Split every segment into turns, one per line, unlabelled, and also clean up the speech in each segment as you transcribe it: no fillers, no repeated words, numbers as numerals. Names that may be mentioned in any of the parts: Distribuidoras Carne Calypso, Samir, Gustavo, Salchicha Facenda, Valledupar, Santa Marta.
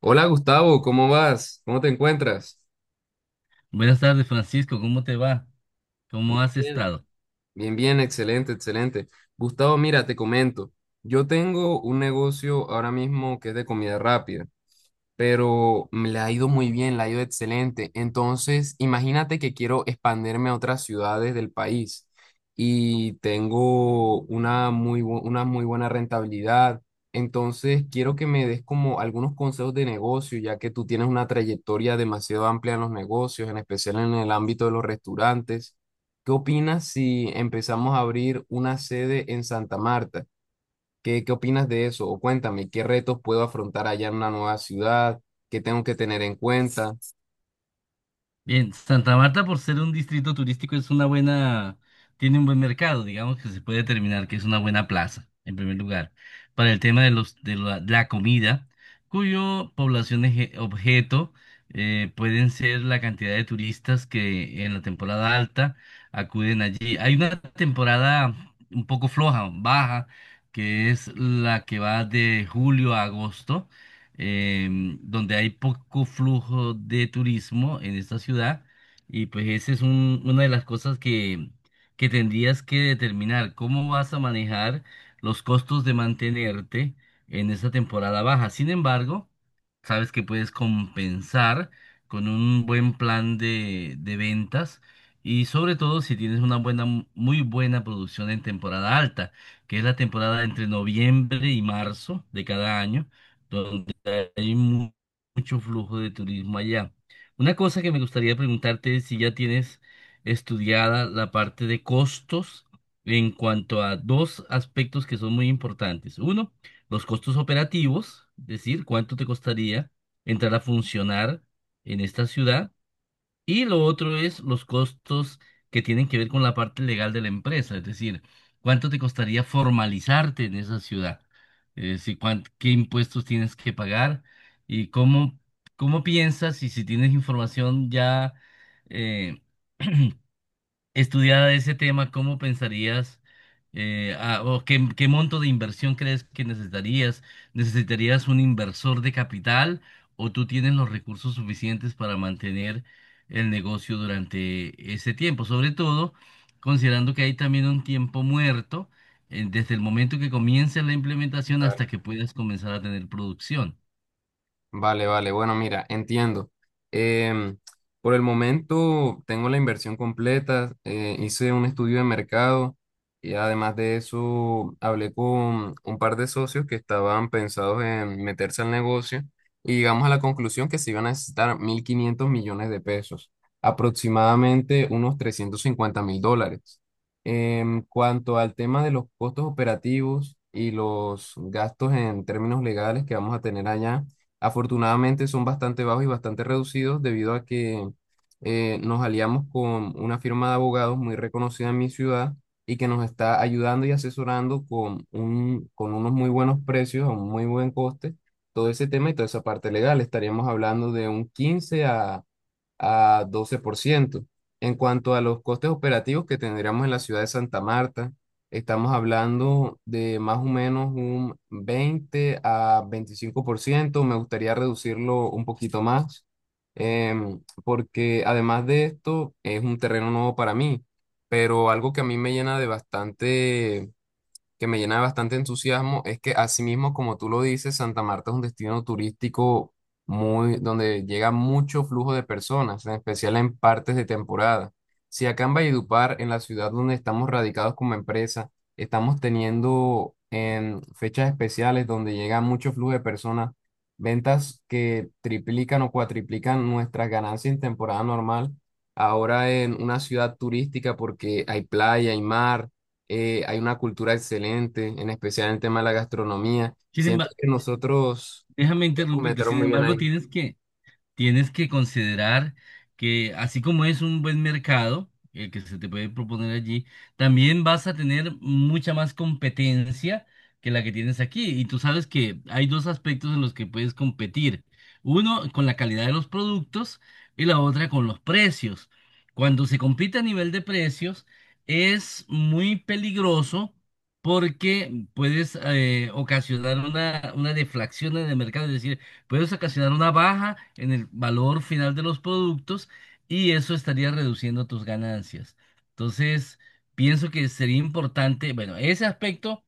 Hola Gustavo, ¿cómo vas? ¿Cómo te encuentras?
Buenas tardes, Francisco. ¿Cómo te va? ¿Cómo has
Bien.
estado?
Bien, bien, excelente, excelente. Gustavo, mira, te comento. Yo tengo un negocio ahora mismo que es de comida rápida, pero me le ha ido muy bien, le ha ido excelente. Entonces, imagínate que quiero expandirme a otras ciudades del país y tengo una muy buena rentabilidad. Entonces, quiero que me des como algunos consejos de negocio, ya que tú tienes una trayectoria demasiado amplia en los negocios, en especial en el ámbito de los restaurantes. ¿Qué opinas si empezamos a abrir una sede en Santa Marta? ¿Qué opinas de eso? O cuéntame, ¿qué retos puedo afrontar allá en una nueva ciudad? ¿Qué tengo que tener en cuenta?
Bien, Santa Marta, por ser un distrito turístico, es una buena, tiene un buen mercado, digamos que se puede determinar que es una buena plaza, en primer lugar, para el tema de los de la comida, cuyo población objeto pueden ser la cantidad de turistas que en la temporada alta acuden allí. Hay una temporada un poco floja, baja, que es la que va de julio a agosto donde hay poco flujo de turismo en esta ciudad y pues esa es una de las cosas que tendrías que determinar, cómo vas a manejar los costos de mantenerte en esta temporada baja. Sin embargo, sabes que puedes compensar con un buen plan de ventas. Y sobre todo si tienes una buena, muy buena producción en temporada alta, que es la temporada entre noviembre y marzo de cada año, donde hay mu- mucho flujo de turismo allá. Una cosa que me gustaría preguntarte es si ya tienes estudiada la parte de costos en cuanto a dos aspectos que son muy importantes. Uno, los costos operativos, es decir, cuánto te costaría entrar a funcionar en esta ciudad. Y lo otro es los costos que tienen que ver con la parte legal de la empresa, es decir, cuánto te costaría formalizarte en esa ciudad. Si cuán- ¿Qué impuestos tienes que pagar y cómo, cómo piensas y si tienes información ya eh, estudiada ese tema? ¿Cómo pensarías, qué monto de inversión crees que necesitarías? ¿Necesitarías un inversor de capital o tú tienes los recursos suficientes para mantener el negocio durante ese tiempo? Sobre todo, considerando que hay también un tiempo muerto desde el momento que comience la implementación hasta que puedas comenzar a tener producción.
Vale, vale. Bueno, mira, entiendo. Em, por el momento tengo la inversión completa. Hice un estudio de mercado y además de eso hablé con un par de socios que estaban pensados en meterse al negocio y llegamos a la conclusión que se iban a necesitar 1.500 millones de pesos, aproximadamente unos 350.000 dólares. En cuanto al tema de los costos operativos y los gastos en términos legales que vamos a tener allá, afortunadamente son bastante bajos y bastante reducidos debido a que nos aliamos con una firma de abogados muy reconocida en mi ciudad y que nos está ayudando y asesorando con unos muy buenos precios, a un muy buen coste, todo ese tema y toda esa parte legal. Estaríamos hablando de un 15 a doce por ciento. En cuanto a los costes operativos que tendríamos en la ciudad de Santa Marta, estamos hablando de más o menos un 20 a 25%. Me gustaría reducirlo un poquito más, porque además de esto es un terreno nuevo para mí, pero algo que a mí me llena de bastante que me llena de bastante entusiasmo es que, asimismo, como tú lo dices, Santa Marta es un destino turístico muy donde llega mucho flujo de personas, en especial en partes de temporada. Si acá en Valledupar, en la ciudad donde estamos radicados como empresa, estamos teniendo en fechas especiales donde llega mucho flujo de personas, ventas que triplican o cuatriplican nuestras ganancias en temporada normal, ahora en una ciudad turística porque hay playa, hay mar, hay una cultura excelente, en especial en el tema de la gastronomía.
Sin
Siento
embargo,
que nosotros
déjame
nos
interrumpirte,
metieron
sin
muy bien
embargo,
ahí.
tienes que considerar que así como es un buen mercado, el que se te puede proponer allí, también vas a tener mucha más competencia que la que tienes aquí. Y tú sabes que hay dos aspectos en los que puedes competir. Uno con la calidad de los productos y la otra con los precios. Cuando se compite a nivel de precios es muy peligroso porque puedes ocasionar una deflación en el mercado. Es decir, puedes ocasionar una baja en el valor final de los productos y eso estaría reduciendo tus ganancias. Entonces, pienso que sería importante, bueno, ese aspecto,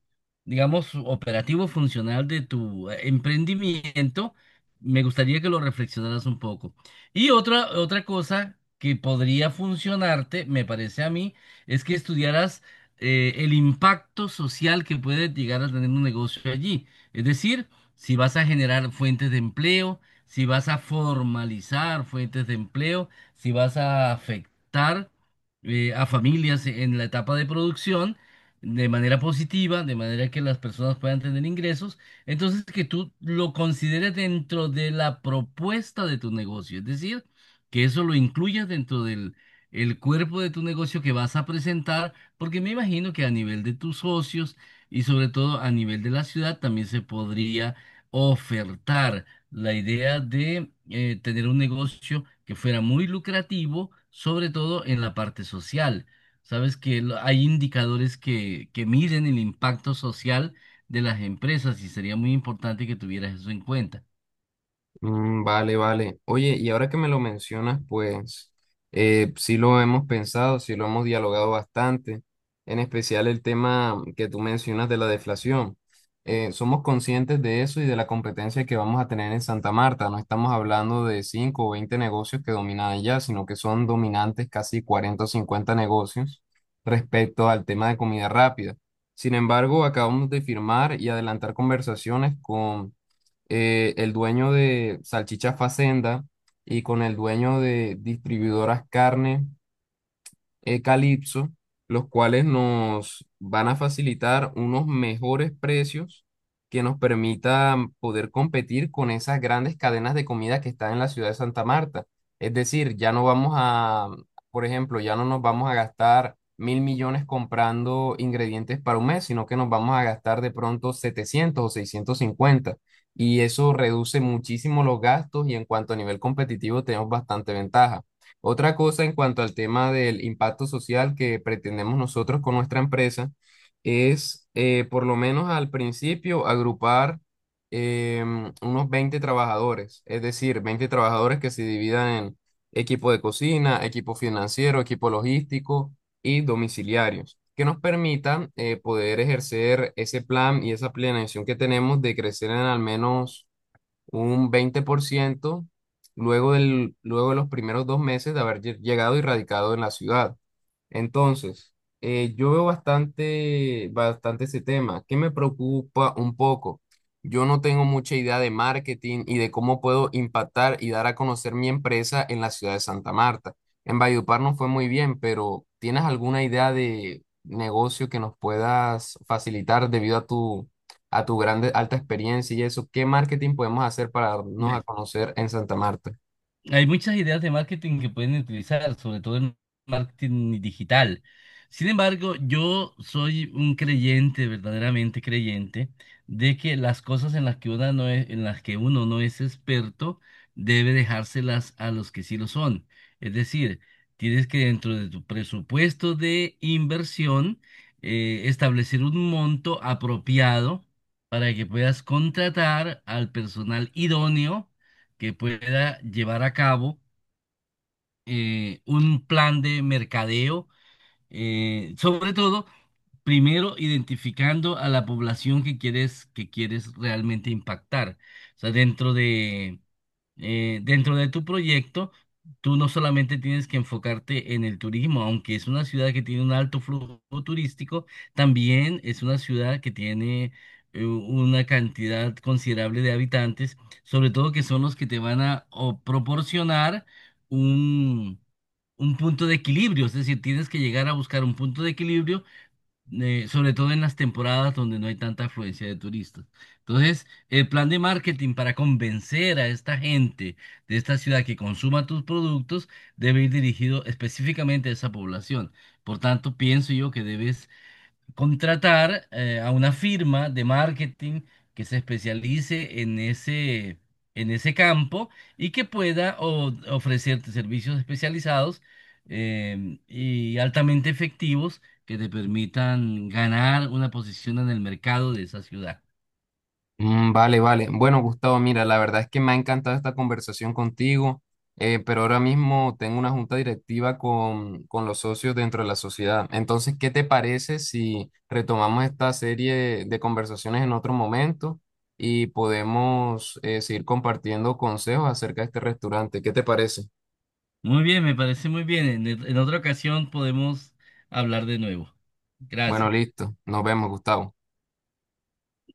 digamos, operativo funcional de tu emprendimiento, me gustaría que lo reflexionaras un poco. Y otra cosa que podría funcionarte, me parece a mí, es que estudiaras el impacto social que puede llegar a tener un negocio allí. Es decir, si vas a generar fuentes de empleo, si vas a formalizar fuentes de empleo, si vas a afectar a familias en la etapa de producción de manera positiva, de manera que las personas puedan tener ingresos, entonces que tú lo consideres dentro de la propuesta de tu negocio, es decir, que eso lo incluyas dentro del el cuerpo de tu negocio que vas a presentar, porque me imagino que a nivel de tus socios, y sobre todo a nivel de la ciudad también se podría ofertar la idea de tener un negocio que fuera muy lucrativo, sobre todo en la parte social. Sabes que hay indicadores que miden el impacto social de las empresas y sería muy importante que tuvieras eso en cuenta.
Mm, vale, vale. Oye, y ahora que me lo mencionas, pues sí lo hemos pensado, sí lo hemos dialogado bastante, en especial el tema que tú mencionas de la deflación. Somos conscientes de eso y de la competencia que vamos a tener en Santa Marta. No estamos hablando de 5 o 20 negocios que dominan allá, sino que son dominantes casi cuarenta o 50 negocios respecto al tema de comida rápida. Sin embargo, acabamos de firmar y adelantar conversaciones con el dueño de Salchicha Facenda y con el dueño de Distribuidoras Carne Calypso, los cuales nos van a facilitar unos mejores precios que nos permitan poder competir con esas grandes cadenas de comida que están en la ciudad de Santa Marta. Es decir, ya no vamos a, por ejemplo, ya no nos vamos a gastar 1.000 millones comprando ingredientes para un mes, sino que nos vamos a gastar de pronto 700 o 650. Y eso reduce muchísimo los gastos y, en cuanto a nivel competitivo, tenemos bastante ventaja. Otra cosa en cuanto al tema del impacto social que pretendemos nosotros con nuestra empresa es, por lo menos al principio, agrupar unos 20 trabajadores, es decir, 20 trabajadores que se dividan en equipo de cocina, equipo financiero, equipo logístico y domiciliarios, que nos permitan poder ejercer ese plan y esa planeación que tenemos de crecer en al menos un 20% luego de los primeros 2 meses de haber llegado y radicado en la ciudad. Entonces, yo veo bastante, bastante ese tema. ¿Qué me preocupa un poco? Yo no tengo mucha idea de marketing y de cómo puedo impactar y dar a conocer mi empresa en la ciudad de Santa Marta. En Valledupar no fue muy bien, pero ¿tienes alguna idea de negocio que nos puedas facilitar debido a tu, grande, alta experiencia y eso? ¿Qué marketing podemos hacer para darnos a conocer en Santa Marta?
Hay muchas ideas de marketing que pueden utilizar, sobre todo en marketing digital. Sin embargo, yo soy un creyente, verdaderamente creyente, de que las cosas en las que uno no es, en las que uno no es experto, debe dejárselas a los que sí lo son. Es decir, tienes que dentro de tu presupuesto de inversión, establecer un monto apropiado para que puedas contratar al personal idóneo que pueda llevar a cabo un plan de mercadeo, sobre todo primero identificando a la población que quieres realmente impactar. O sea, dentro de tu proyecto, tú no solamente tienes que enfocarte en el turismo, aunque es una ciudad que tiene un alto flujo turístico, también es una ciudad que tiene una cantidad considerable de habitantes, sobre todo que son los que te van a o, proporcionar un... un punto de equilibrio, es decir, tienes que llegar a buscar un punto de equilibrio sobre todo en las temporadas donde no hay tanta afluencia de turistas. Entonces, el plan de marketing para convencer a esta gente de esta ciudad que consuma tus productos debe ir dirigido específicamente a esa población. Por tanto, pienso yo que debes contratar a una firma de marketing que se especialice en ese campo y que pueda ofrecerte servicios especializados y altamente efectivos que te permitan ganar una posición en el mercado de esa ciudad.
Mm, vale, vale. Bueno, Gustavo, mira, la verdad es que me ha encantado esta conversación contigo, pero ahora mismo tengo una junta directiva con los socios dentro de la sociedad. Entonces, ¿qué te parece si retomamos esta serie de conversaciones en otro momento y podemos seguir compartiendo consejos acerca de este restaurante? ¿Qué te parece?
Muy bien, me parece muy bien. En otra ocasión podemos hablar de nuevo.
Bueno,
Gracias.
listo. Nos vemos, Gustavo.